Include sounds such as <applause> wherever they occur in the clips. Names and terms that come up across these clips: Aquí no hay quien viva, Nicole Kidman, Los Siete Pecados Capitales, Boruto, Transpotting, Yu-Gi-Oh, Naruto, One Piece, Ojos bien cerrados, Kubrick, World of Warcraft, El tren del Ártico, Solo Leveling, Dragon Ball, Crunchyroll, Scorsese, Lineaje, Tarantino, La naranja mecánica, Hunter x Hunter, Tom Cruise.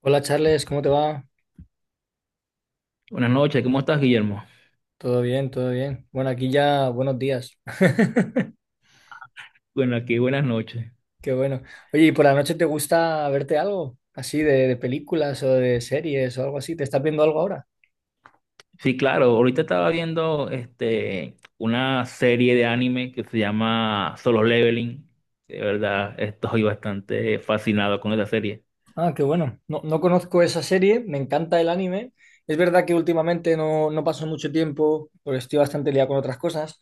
Hola Charles, ¿cómo te va? Buenas noches, ¿cómo estás, Guillermo? Todo bien, todo bien. Bueno, aquí ya buenos días. <laughs> Bueno, aquí buenas noches. Qué bueno. Oye, ¿y por la noche te gusta verte algo así de películas o de series o algo así? ¿Te estás viendo algo ahora? Sí, claro, ahorita estaba viendo una serie de anime que se llama Solo Leveling. De verdad, estoy bastante fascinado con esa serie. Ah, qué bueno. No, no conozco esa serie, me encanta el anime. Es verdad que últimamente no paso mucho tiempo porque estoy bastante liado con otras cosas,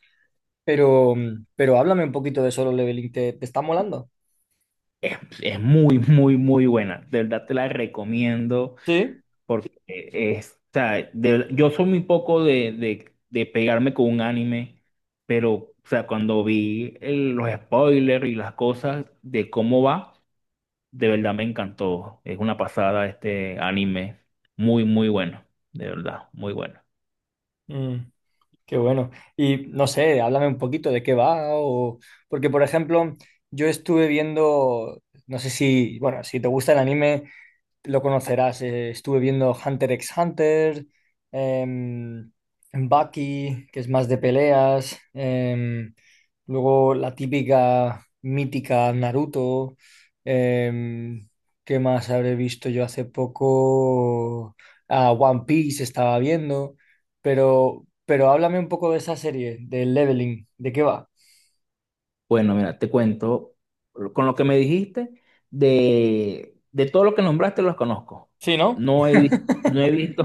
pero, pero háblame un poquito de Solo Leveling. ¿Te está molando? Es muy, muy, muy buena. De verdad te la recomiendo Sí. porque es, o sea, yo soy muy poco de pegarme con un anime, pero o sea, cuando vi los spoilers y las cosas de cómo va. De verdad me encantó. Es una pasada este anime. Muy, muy bueno. De verdad, muy bueno. Mm. Qué bueno. Y no sé, háblame un poquito de qué va o porque por ejemplo, yo estuve viendo, no sé si, bueno, si te gusta el anime, lo conocerás. Estuve viendo Hunter x Hunter, em, Bucky, que es más de peleas, luego la típica mítica Naruto. em, ¿Qué más habré visto yo hace poco? Ah, One Piece estaba viendo, pero háblame un poco de esa serie, del Leveling, ¿de qué va? Bueno, mira, te cuento, con lo que me dijiste, de todo lo que nombraste los conozco. Sí, ¿no? No he, vi- no he visto,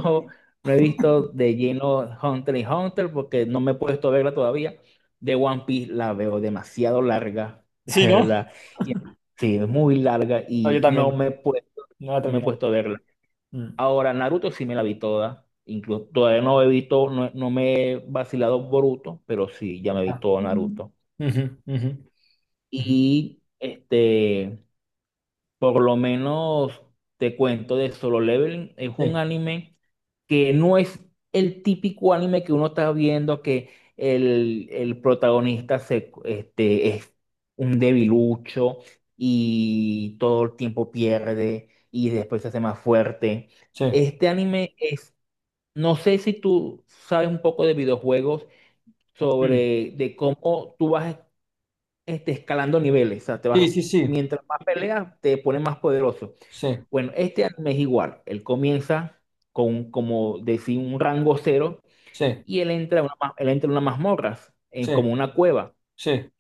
no he visto de lleno Hunter y Hunter porque no me he puesto a verla todavía. De One Piece la veo demasiado larga, <laughs> de Sí, ¿no? verdad. Y- Sí, es muy larga No, yo y también, no la he no me he terminado. puesto a verla. Mm. Ahora, Naruto sí me la vi toda. Incluso todavía no he visto, no, no me he vacilado Boruto, pero sí, ya me vi Ah, todo. Mm. Naruto. ujú, ujú, ujú. Y por lo menos te cuento de Solo Leveling. Es un Sí. anime que no es el típico anime que uno está viendo que el protagonista es un debilucho y todo el tiempo pierde y después se hace más fuerte. Sí, Este anime es... No sé si tú sabes un poco de videojuegos mm, sobre de cómo tú vas escalando niveles. O sea, te sí, vas, sí, sí, mientras más peleas, te pones más poderoso. sí, Bueno, este anime es igual. Él comienza con, como decir, un rango cero sí, y él entra a unas mazmorras, sí, en, como una cueva. sí,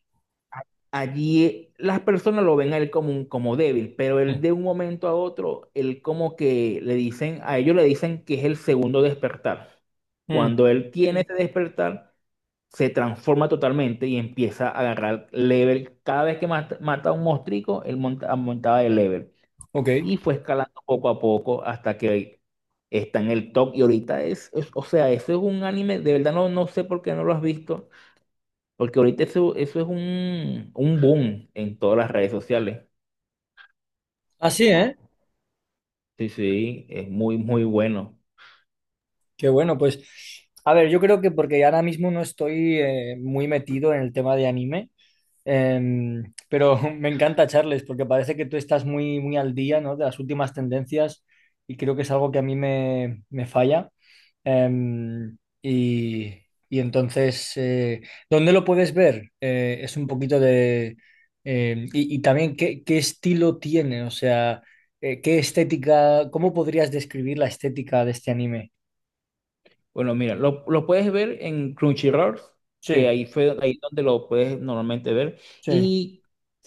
Allí las personas lo ven a él como, como débil, pero sí. él de un momento a otro, él como que le dicen, a ellos le dicen que es el segundo despertar. Mm, Cuando él tiene... Mm. Ese despertar, se transforma totalmente y empieza a agarrar level. Cada vez que mata, mata a un monstruo, aumentaba de level. ok. Y fue escalando poco a poco hasta que está en el top. Y ahorita o sea, eso es un anime, de verdad no, no sé por qué no lo has visto porque ahorita eso, eso es un boom en todas las redes sociales. Así, ¿eh? Sí, sí, es muy, muy bueno. Qué bueno, pues. A ver, yo creo que porque ahora mismo no estoy muy metido en el tema de anime. Pero <laughs> me encanta, Charles, porque parece que tú estás muy, muy al día, ¿no? De las últimas tendencias, y creo que es algo que a mí me falla. Em, y, y entonces, ¿dónde lo puedes ver? Es un poquito de... y también, ¿qué estilo tiene? O sea, ¿qué estética? ¿Cómo podrías describir la estética de este anime? Bueno, mira, lo puedes ver en Crunchyroll, que Sí, ahí donde lo puedes normalmente ver. sí. Y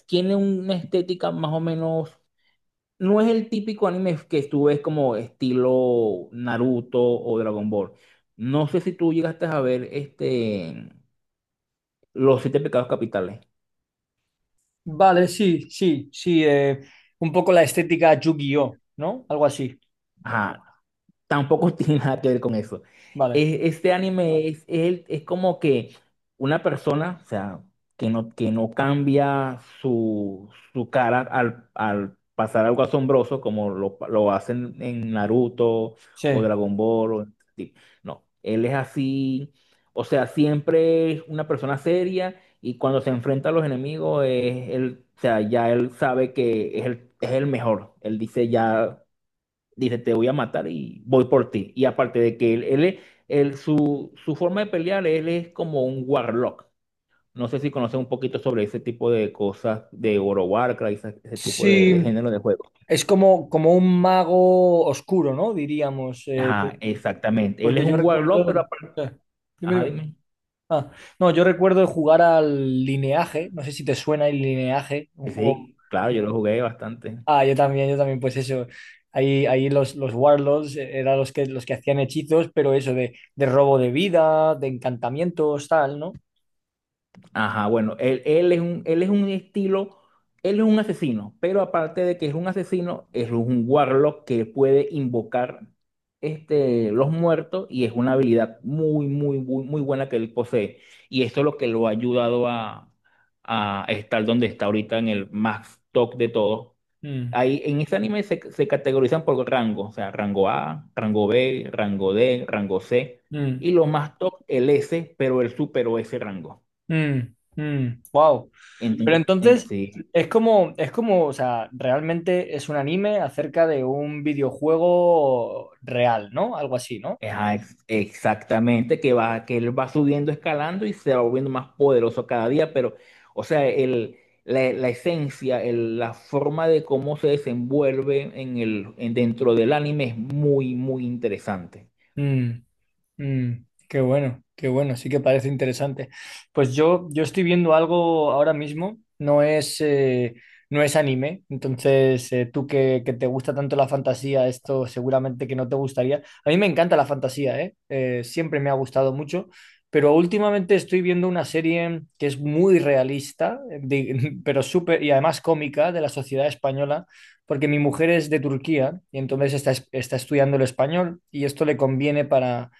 tiene una estética más o menos. No es el típico anime que tú ves como estilo Naruto o Dragon Ball. No sé si tú llegaste a ver Los Siete Pecados Capitales. Vale, sí, sí, sí. Un poco la estética Yu-Gi-Oh, ¿no? Algo así. Ajá, tampoco <laughs> tiene nada que ver con eso. Vale, Este anime es como que una persona, o sea, que no cambia su cara al pasar algo asombroso como lo hacen en Naruto o sí. Dragon Ball. O- sí. No, él es así, o sea, siempre es una persona seria y cuando se enfrenta a los enemigos, es, él, o sea, ya él sabe que es el mejor. Él dice ya dice, te voy a matar y voy por ti. Y aparte de que su forma de pelear, él es como un warlock. No sé si conocen un poquito sobre ese tipo de cosas de Oro Warcraft, ese tipo Sí, de género de juego. es como, como un mago oscuro, ¿no? Diríamos, Ajá, exactamente. Él es porque yo un warlock, recuerdo... pero aparte... sí. Dime, Ajá, dime. dime. Ah, no, yo recuerdo jugar al Lineaje, no sé si te suena el Lineaje, un Sí, juego... sí, claro, yo lo jugué bastante. Ah, yo también, pues eso. Ahí, ahí los Warlords eran los que hacían hechizos, pero eso de robo de vida, de encantamientos, tal, ¿no? Ajá, bueno, él es un, él es un estilo, él es un asesino, pero aparte de que es un asesino, es un warlock que puede invocar los muertos y es una habilidad muy, muy, muy, muy buena que él posee. Y esto es lo que lo ha ayudado a estar donde está ahorita en el más top de todos. Mm, Ahí en este anime se categorizan por rango, o sea, rango A, rango B, rango D, rango C, mm. y lo más top, el S, pero él superó ese rango. Wow. Pero entonces Sí, es como, o sea, realmente es un anime acerca de un videojuego real, ¿no? Algo así, ¿no? ajá, exactamente, que él va subiendo, escalando y se va volviendo más poderoso cada día, pero, o sea, el, la esencia, la forma de cómo se desenvuelve en dentro del anime es muy, muy interesante. Mm. Mm, qué bueno, sí que parece interesante. Pues yo estoy viendo algo ahora mismo, no es, no es anime, entonces tú que te gusta tanto la fantasía, esto seguramente que no te gustaría. A mí me encanta la fantasía, ¿eh? Siempre me ha gustado mucho, pero últimamente estoy viendo una serie que es muy realista, <laughs> pero súper, y además cómica, de la sociedad española, porque mi mujer es de Turquía y entonces está, está estudiando el español y esto le conviene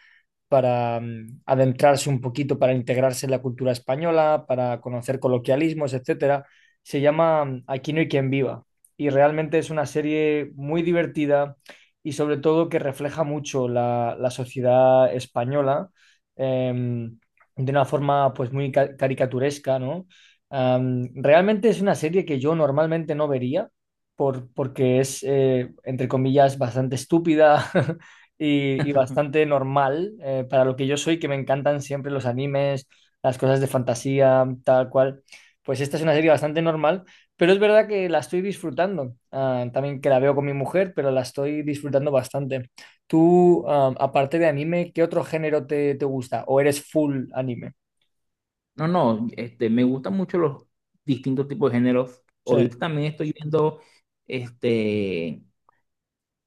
para mm, adentrarse un poquito, para integrarse en la cultura española, para conocer coloquialismos, etcétera. Se llama mm, Aquí no hay quien viva, y realmente es una serie muy divertida, y sobre todo que refleja mucho la, la sociedad española, em, de una forma pues muy caricaturesca, ¿no? Am, realmente es una serie que yo normalmente no vería porque es, entre comillas, bastante estúpida, <laughs> y bastante <laughs> normal para lo que yo soy, que me encantan siempre los animes, las cosas de fantasía, tal cual. Pues esta es una serie bastante normal, pero es verdad que la estoy disfrutando. Ah, también que la veo con mi mujer, pero la estoy disfrutando bastante. Tú, ah, aparte de anime, ¿qué otro género te gusta? ¿O eres full anime? No, no, me gustan mucho los distintos tipos de géneros. Sí. Ahorita también estoy viendo este,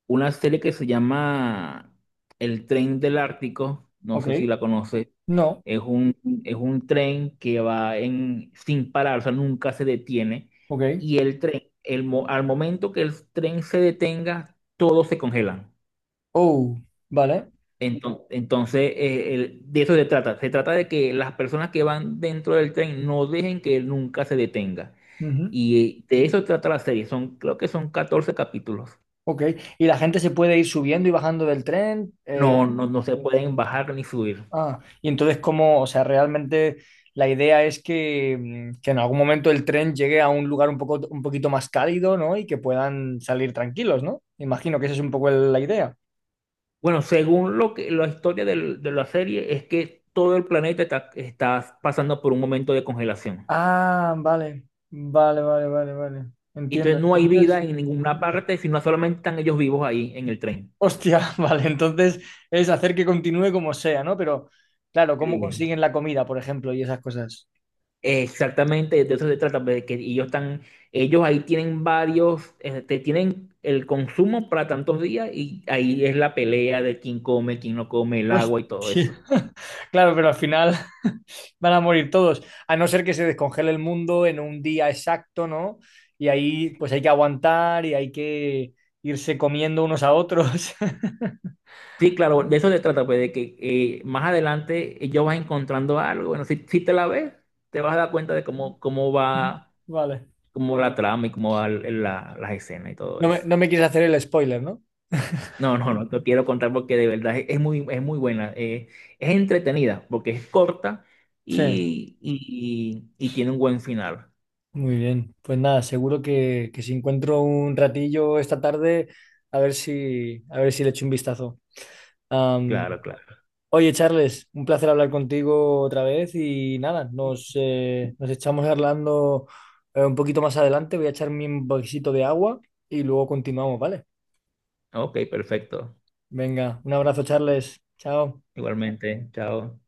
una serie que se llama El Tren del Ártico, no Ok. sé si la conoces. No. Es un, es un tren que va en, sin parar, o sea, nunca se detiene. Ok. Y el tren, el, mo- al momento que el tren se detenga, todos se congelan. Oh, vale. Entonces de eso se trata. Se trata de que las personas que van dentro del tren no dejen que él nunca se detenga. Ujú. Y de eso trata la serie. Son, creo que son 14 capítulos. Ok. ¿Y la gente se puede ir subiendo y bajando del tren? No, no, no se pueden bajar ni subir. Ah, y entonces, ¿cómo? O sea, realmente la idea es que, mm, que en algún momento el tren llegue a un lugar un poco, un poquito más cálido, ¿no? Y que puedan salir tranquilos, ¿no? Imagino que esa es un poco la idea. Bueno, según lo que la historia de la serie es que todo el planeta está pasando por un momento de congelación. Ah, vale, vale, vale, vale, vale. Y Entiendo. entonces no hay vida Entonces, en ninguna parte, sino solamente están ellos vivos ahí en el tren. hostia, <laughs> vale, entonces es hacer que continúe como sea, ¿no? Pero, claro, ¿cómo Eh, consiguen la comida, por ejemplo, y esas cosas? exactamente, de eso se trata, pues, de que ellos están, ellos ahí tienen varios, tienen el consumo para tantos días y ahí es la pelea de quién come, quién no come, el agua y todo eso. <laughs> Claro, pero al final <laughs> van a morir todos, a no ser que se descongele el mundo en un día exacto, ¿no? Y ahí pues hay que aguantar y hay que irse comiendo unos a otros. Sí, claro, de eso se trata, pues, de que más adelante ya vas encontrando algo. Bueno, si, si te la ves, te vas a dar cuenta de cómo, <laughs> Vale. cómo va la trama y cómo van las escenas y todo No me, eso. no me quieres hacer el spoiler, ¿no? No, no, no te quiero contar porque de verdad es muy buena. Eh, es entretenida porque es corta Sí. Y tiene un buen final. Muy bien. Pues nada, seguro que si encuentro un ratillo esta tarde, a ver si le echo un vistazo. Am, Claro, claro. oye, Charles, un placer hablar contigo otra vez y nada, nos, nos echamos hablando un poquito más adelante. Voy a echarme un poquito de agua y luego continuamos, ¿vale? Ok, perfecto. Venga, un abrazo, Charles. Chao. Igualmente, chao.